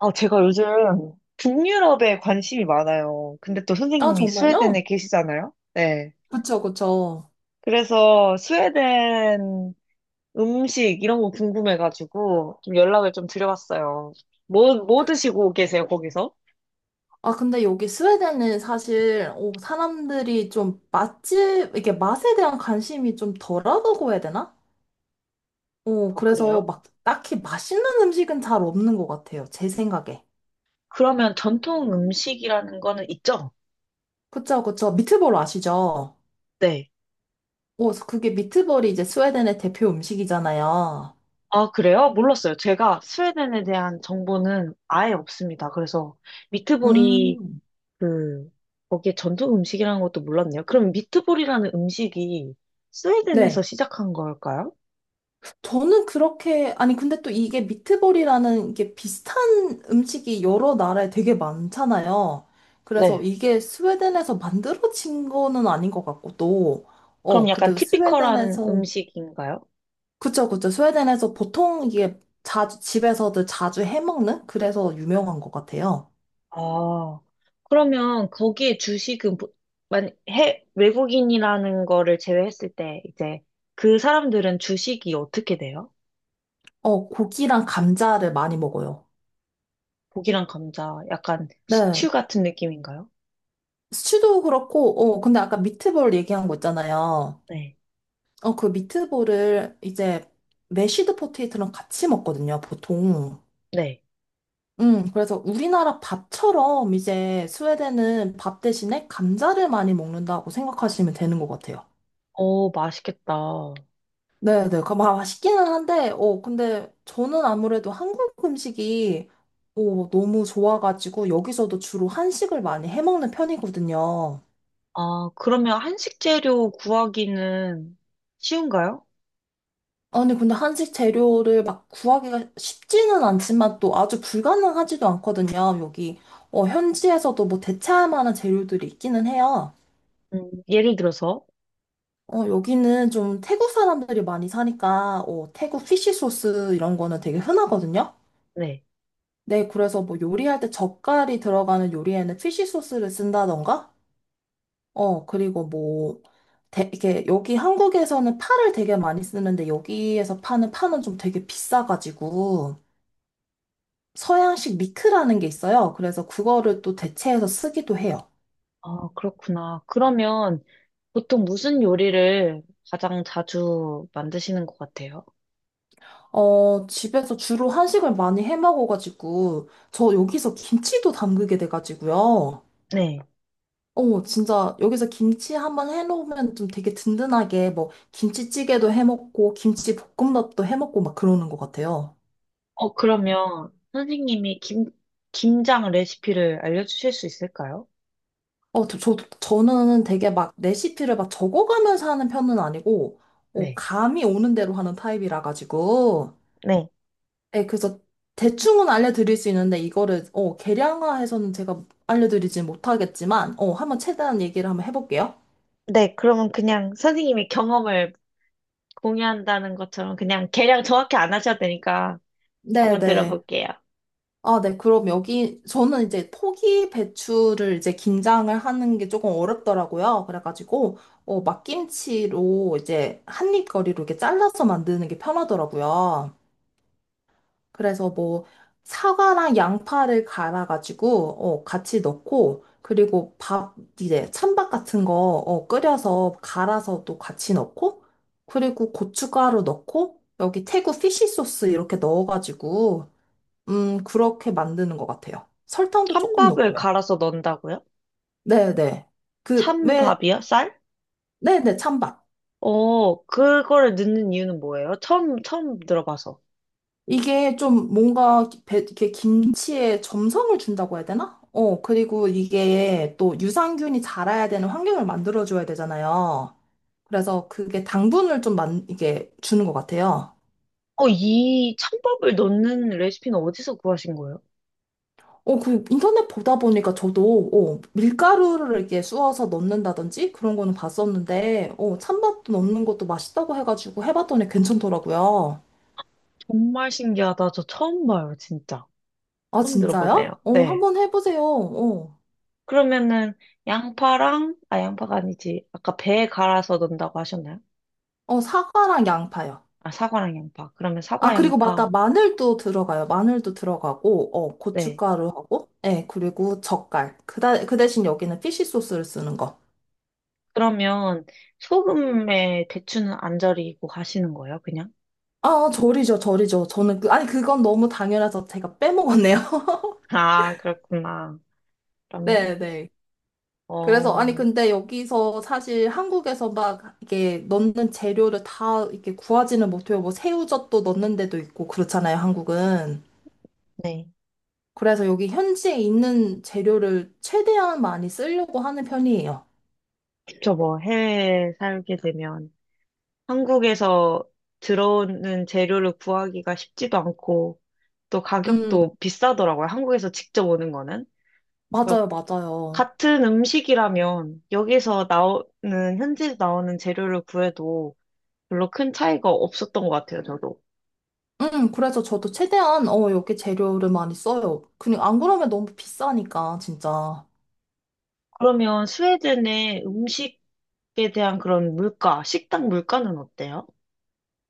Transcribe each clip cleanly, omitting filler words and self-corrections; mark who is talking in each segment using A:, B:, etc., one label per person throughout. A: 아, 제가 요즘 북유럽에 관심이 많아요. 근데 또
B: 아,
A: 선생님이 스웨덴에
B: 정말요?
A: 계시잖아요? 네.
B: 그쵸, 그쵸.
A: 그래서 스웨덴 음식 이런 거 궁금해가지고 좀 연락을 좀 드려봤어요. 뭐 드시고 계세요, 거기서?
B: 아, 근데 여기 스웨덴은 사실, 사람들이 좀 맛집, 이게 맛에 대한 관심이 좀 덜하다고 해야 되나?
A: 어,
B: 그래서
A: 그래요?
B: 막 딱히 맛있는 음식은 잘 없는 것 같아요. 제 생각에.
A: 그러면 전통 음식이라는 거는 있죠?
B: 그쵸, 그쵸. 미트볼 아시죠?
A: 네.
B: 그게 미트볼이 이제 스웨덴의 대표 음식이잖아요.
A: 아, 그래요? 몰랐어요. 제가 스웨덴에 대한 정보는 아예 없습니다. 그래서 미트볼이
B: 음.
A: 그, 거기에 전통 음식이라는 것도 몰랐네요. 그럼 미트볼이라는 음식이
B: 네.
A: 스웨덴에서 시작한 걸까요?
B: 저는 그렇게, 아니, 근데 또 이게 미트볼이라는 이게 비슷한 음식이 여러 나라에 되게 많잖아요. 그래서
A: 네.
B: 이게 스웨덴에서 만들어진 거는 아닌 것 같고, 또,
A: 그럼 약간
B: 근데
A: 티피컬한
B: 스웨덴에서,
A: 음식인가요?
B: 그쵸, 그쵸. 스웨덴에서 보통 이게 자주, 집에서도 자주 해먹는? 그래서 유명한 것 같아요.
A: 아, 그러면 거기에 주식은, 보- 만, 해, 외국인이라는 거를 제외했을 때, 이제 그 사람들은 주식이 어떻게 돼요?
B: 고기랑 감자를 많이 먹어요.
A: 고기랑 감자, 약간
B: 네.
A: 스튜 같은 느낌인가요?
B: 스튜도 그렇고, 근데 아까 미트볼 얘기한 거 있잖아요.
A: 네.
B: 그 미트볼을 이제 메쉬드 포테이토랑 같이 먹거든요, 보통.
A: 네.
B: 그래서 우리나라 밥처럼 이제 스웨덴은 밥 대신에 감자를 많이 먹는다고 생각하시면 되는 것 같아요.
A: 오, 맛있겠다.
B: 네네. 그, 맛있기는 한데, 근데 저는 아무래도 한국 음식이 너무 좋아가지고 여기서도 주로 한식을 많이 해먹는 편이거든요.
A: 아, 그러면 한식 재료 구하기는 쉬운가요?
B: 아니, 근데 한식 재료를 막 구하기가 쉽지는 않지만 또 아주 불가능하지도 않거든요. 여기, 현지에서도 뭐 대체할 만한 재료들이 있기는 해요.
A: 예를 들어서.
B: 여기는 좀 태국 사람들이 많이 사니까, 태국 피쉬 소스 이런 거는 되게 흔하거든요.
A: 네.
B: 네, 그래서 뭐 요리할 때 젓갈이 들어가는 요리에는 피쉬 소스를 쓴다던가, 그리고 뭐, 이게 여기 한국에서는 파를 되게 많이 쓰는데 여기에서 파는 파는 좀 되게 비싸가지고, 서양식 미크라는 게 있어요. 그래서 그거를 또 대체해서 쓰기도 해요.
A: 아, 그렇구나. 그러면 보통 무슨 요리를 가장 자주 만드시는 것 같아요?
B: 집에서 주로 한식을 많이 해 먹어가지고, 저 여기서 김치도 담그게 돼가지고요.
A: 네.
B: 진짜 여기서 김치 한번 해놓으면 좀 되게 든든하게 뭐 김치찌개도 해 먹고, 김치 볶음밥도 해 먹고 막 그러는 것 같아요.
A: 어, 그러면 김장 레시피를 알려주실 수 있을까요?
B: 저는 되게 막 레시피를 막 적어가면서 하는 편은 아니고,
A: 네.
B: 감이 오는 대로 하는 타입이라 가지고,
A: 네.
B: 네, 그래서 대충은 알려드릴 수 있는데 이거를 계량화해서는 제가 알려드리진 못하겠지만 한번 최대한 얘기를 한번 해볼게요.
A: 네. 그러면 그냥 선생님이 경험을 공유한다는 것처럼 그냥 계량 정확히 안 하셔도 되니까 한번
B: 네네.
A: 들어볼게요.
B: 아, 네. 그럼 여기 저는 이제 포기 배추를 이제 김장을 하는 게 조금 어렵더라고요. 그래가지고 막김치로 이제 한입 거리로 이렇게 잘라서 만드는 게 편하더라고요. 그래서 뭐 사과랑 양파를 갈아가지고 같이 넣고 그리고 밥 이제 찬밥 같은 거 끓여서 갈아서 또 같이 넣고 그리고 고춧가루 넣고 여기 태국 피쉬 소스 이렇게 넣어가지고 그렇게 만드는 것 같아요. 설탕도 조금
A: 찬밥을
B: 넣고요.
A: 갈아서 넣는다고요?
B: 네네. 그 왜
A: 찬밥이요? 쌀?
B: 네네 찬밥.
A: 어, 그거를 넣는 이유는 뭐예요? 처음 들어봐서.
B: 이게 좀 뭔가 이렇게 김치에 점성을 준다고 해야 되나? 그리고 이게 또 유산균이 자라야 되는 환경을 만들어줘야 되잖아요. 그래서 그게 당분을 좀 이게 주는 것 같아요.
A: 어, 이 찬밥을 넣는 레시피는 어디서 구하신 거예요?
B: 그 인터넷 보다 보니까 저도, 밀가루를 이렇게 쑤어서 넣는다든지 그런 거는 봤었는데, 찬밥도 넣는 것도 맛있다고 해가지고 해봤더니 괜찮더라고요.
A: 정말 신기하다. 저 처음 봐요, 진짜.
B: 아,
A: 처음 들어보네요.
B: 진짜요?
A: 네.
B: 한번 해보세요.
A: 그러면은, 양파랑, 아, 양파가 아니지. 아까 배에 갈아서 넣는다고 하셨나요?
B: 사과랑 양파요.
A: 아, 사과랑 양파. 그러면
B: 아,
A: 사과,
B: 그리고
A: 양파.
B: 맞다. 마늘도 들어가요. 마늘도 들어가고,
A: 네.
B: 고춧가루하고, 예, 그리고 젓갈. 그, 그 대신 여기는 피쉬 소스를 쓰는 거.
A: 그러면, 소금에 대추는 안 절이고 하시는 거예요, 그냥?
B: 아, 절이죠, 절이죠. 저는 아니, 그건 너무 당연해서 제가 빼먹었네요.
A: 아, 그렇구나. 그럼,
B: 네, 네. 그래서, 아니,
A: 어,
B: 근데 여기서 사실 한국에서 막 이게 넣는 재료를 다 이렇게 구하지는 못해요. 뭐 새우젓도 넣는 데도 있고, 그렇잖아요, 한국은.
A: 네.
B: 그래서 여기 현지에 있는 재료를 최대한 많이 쓰려고 하는 편이에요.
A: 저 뭐 해외에 살게 되면 한국에서 들어오는 재료를 구하기가 쉽지도 않고 또
B: 음,
A: 가격도 비싸더라고요. 한국에서 직접 오는 거는. 그래서
B: 맞아요, 맞아요.
A: 같은 음식이라면 여기서 나오는, 현지에서 나오는 재료를 구해도 별로 큰 차이가 없었던 것 같아요, 저도.
B: 그래서 저도 최대한, 여기 재료를 많이 써요. 그냥 안 그러면 너무 비싸니까, 진짜.
A: 그러면 스웨덴의 음식에 대한 그런 물가, 식당 물가는 어때요?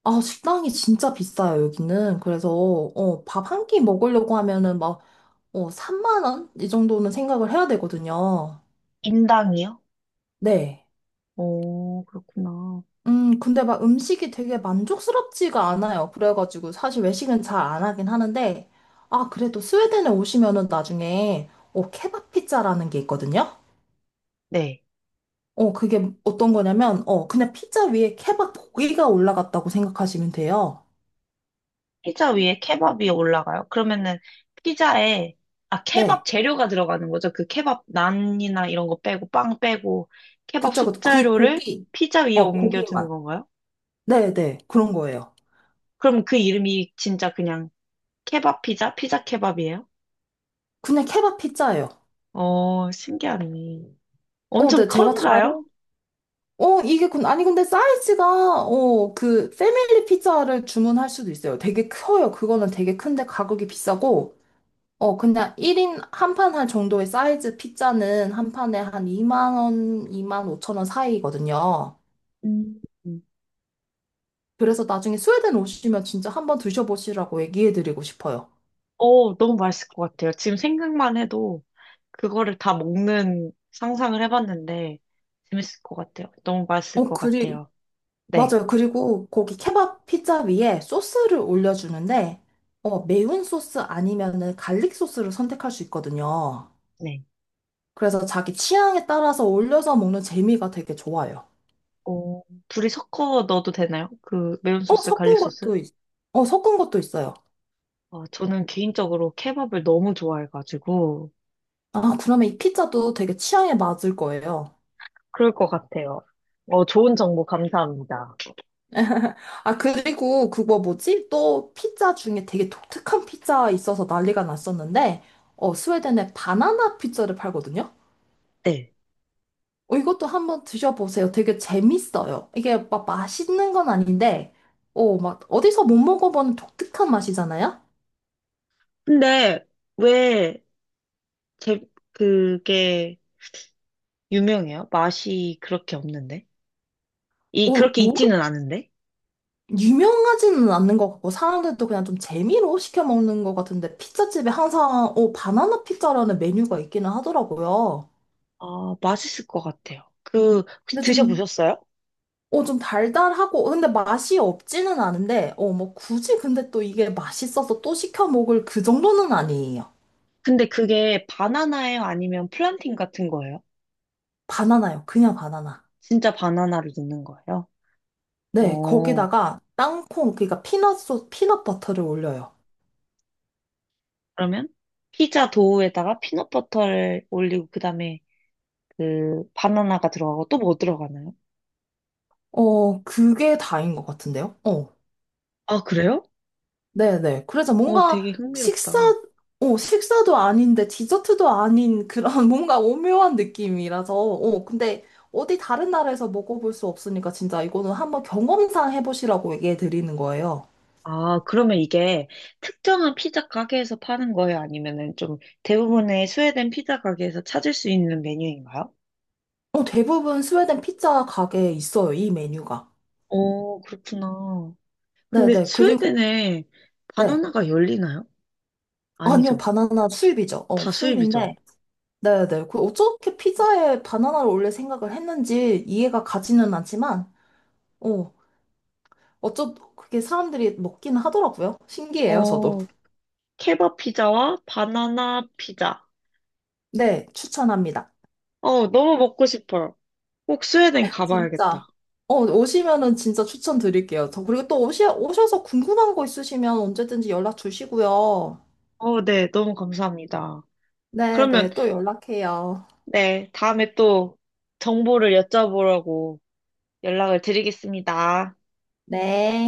B: 아, 식당이 진짜 비싸요, 여기는. 그래서, 밥 한 끼 먹으려고 하면은 막, 3만 원? 이 정도는 생각을 해야 되거든요.
A: 인당이요?
B: 네.
A: 오, 그렇구나.
B: 근데 막 음식이 되게 만족스럽지가 않아요. 그래가지고 사실 외식은 잘 안 하긴 하는데, 아, 그래도 스웨덴에 오시면은 나중에, 케밥 피자라는 게 있거든요.
A: 네.
B: 그게 어떤 거냐면, 그냥 피자 위에 케밥 고기가 올라갔다고 생각하시면 돼요.
A: 피자 위에 케밥이 올라가요. 그러면은 피자에 아 케밥
B: 네.
A: 재료가 들어가는 거죠. 그 케밥 난이나 이런 거 빼고 빵 빼고 케밥
B: 그쵸, 그쵸. 그
A: 숙재료를
B: 고기,
A: 피자 위에 옮겨주는
B: 고기만.
A: 건가요?
B: 네네. 그런 거예요.
A: 그럼 그 이름이 진짜 그냥 케밥 피자, 피자 케밥이에요?
B: 그냥 케밥 피자예요.
A: 어, 신기하네. 엄청
B: 네. 제가 다른,
A: 큰가요?
B: 이게, 근 아니, 근데 사이즈가, 그, 패밀리 피자를 주문할 수도 있어요. 되게 커요. 그거는 되게 큰데 가격이 비싸고, 그냥 1인 한 판 할 정도의 사이즈 피자는 한 판에 한 2만 원, 2만 5천 원 사이거든요.
A: 음.
B: 그래서 나중에 스웨덴 오시면 진짜 한번 드셔보시라고 얘기해드리고 싶어요.
A: 어, 너무 맛있을 것 같아요. 지금 생각만 해도 그거를 다 먹는 상상을 해봤는데 재밌을 것 같아요. 너무 맛있을
B: 어,
A: 것
B: 그리,
A: 같아요. 네,
B: 맞아요. 그리고 거기 케밥 피자 위에 소스를 올려주는데, 매운 소스 아니면은 갈릭 소스를 선택할 수 있거든요.
A: 네.
B: 그래서 자기 취향에 따라서 올려서 먹는 재미가 되게 좋아요.
A: 어, 둘이 섞어 넣어도 되나요? 그 매운
B: 어,
A: 소스, 갈릭
B: 섞은
A: 소스?
B: 것도, 있, 섞은 것도 있어요.
A: 아, 저는 개인적으로 케밥을 너무 좋아해가지고.
B: 아, 그러면 이 피자도 되게 취향에 맞을 거예요.
A: 그럴 것 같아요. 어, 좋은 정보 감사합니다.
B: 아, 그리고 그거 뭐지? 또 피자 중에 되게 독특한 피자 있어서 난리가 났었는데, 스웨덴에 바나나 피자를 팔거든요?
A: 네.
B: 이것도 한번 드셔보세요. 되게 재밌어요. 이게 막 맛있는 건 아닌데, 막 어디서 못 먹어보는 독특한 맛이잖아요?
A: 근데 왜 제, 그게 유명해요? 맛이 그렇게 없는데? 이,
B: 어,
A: 그렇게
B: 뭐,
A: 있지는 않은데?
B: 유명하지는 않는 것 같고, 사람들도 그냥 좀 재미로 시켜 먹는 것 같은데, 피자집에 항상, 바나나 피자라는 메뉴가 있기는 하더라고요.
A: 아, 맛있을 것 같아요. 그, 혹시
B: 근데 좀
A: 드셔보셨어요?
B: 좀 달달하고, 근데 맛이 없지는 않은데, 뭐, 굳이 근데 또 이게 맛있어서 또 시켜 먹을 그 정도는 아니에요.
A: 근데 그게 바나나예요? 아니면 플란팅 같은 거예요?
B: 바나나요. 그냥 바나나.
A: 진짜 바나나를 넣는 거예요?
B: 네,
A: 어.
B: 거기다가 땅콩, 그러니까 피넛 버터를 올려요.
A: 그러면 피자 도우에다가 피넛버터를 올리고 그다음에 그 바나나가 들어가고 또 뭐 들어가나요?
B: 그게 다인 것 같은데요?
A: 아, 그래요?
B: 네네. 그래서
A: 어,
B: 뭔가
A: 되게
B: 식사,
A: 흥미롭다.
B: 식사도 아닌데 디저트도 아닌 그런 뭔가 오묘한 느낌이라서, 근데 어디 다른 나라에서 먹어볼 수 없으니까 진짜 이거는 한번 경험상 해보시라고 얘기해 드리는 거예요.
A: 아, 그러면 이게 특정한 피자 가게에서 파는 거예요? 아니면은 좀 대부분의 스웨덴 피자 가게에서 찾을 수 있는 메뉴인가요?
B: 대부분 스웨덴 피자 가게에 있어요, 이 메뉴가.
A: 오 그렇구나. 근데
B: 네네. 그리고,
A: 스웨덴에
B: 네.
A: 바나나가 열리나요?
B: 아니요,
A: 아니죠.
B: 바나나 수입이죠.
A: 다 수입이죠.
B: 수입인데. 네네. 그 어떻게 피자에 바나나를 올릴 생각을 했는지 이해가 가지는 않지만, 어, 그게 사람들이 먹기는 하더라고요. 신기해요, 저도.
A: 어, 케밥 피자와 바나나 피자.
B: 네, 추천합니다.
A: 어, 너무 먹고 싶어요. 꼭 스웨덴
B: 진짜.
A: 가봐야겠다.
B: 오시면은 진짜 추천드릴게요. 저, 그리고 또 오셔서 궁금한 거 있으시면 언제든지 연락 주시고요.
A: 어, 네, 너무 감사합니다. 그러면,
B: 네네, 또 연락해요.
A: 네, 다음에 또 정보를 여쭤보라고 연락을 드리겠습니다.
B: 네.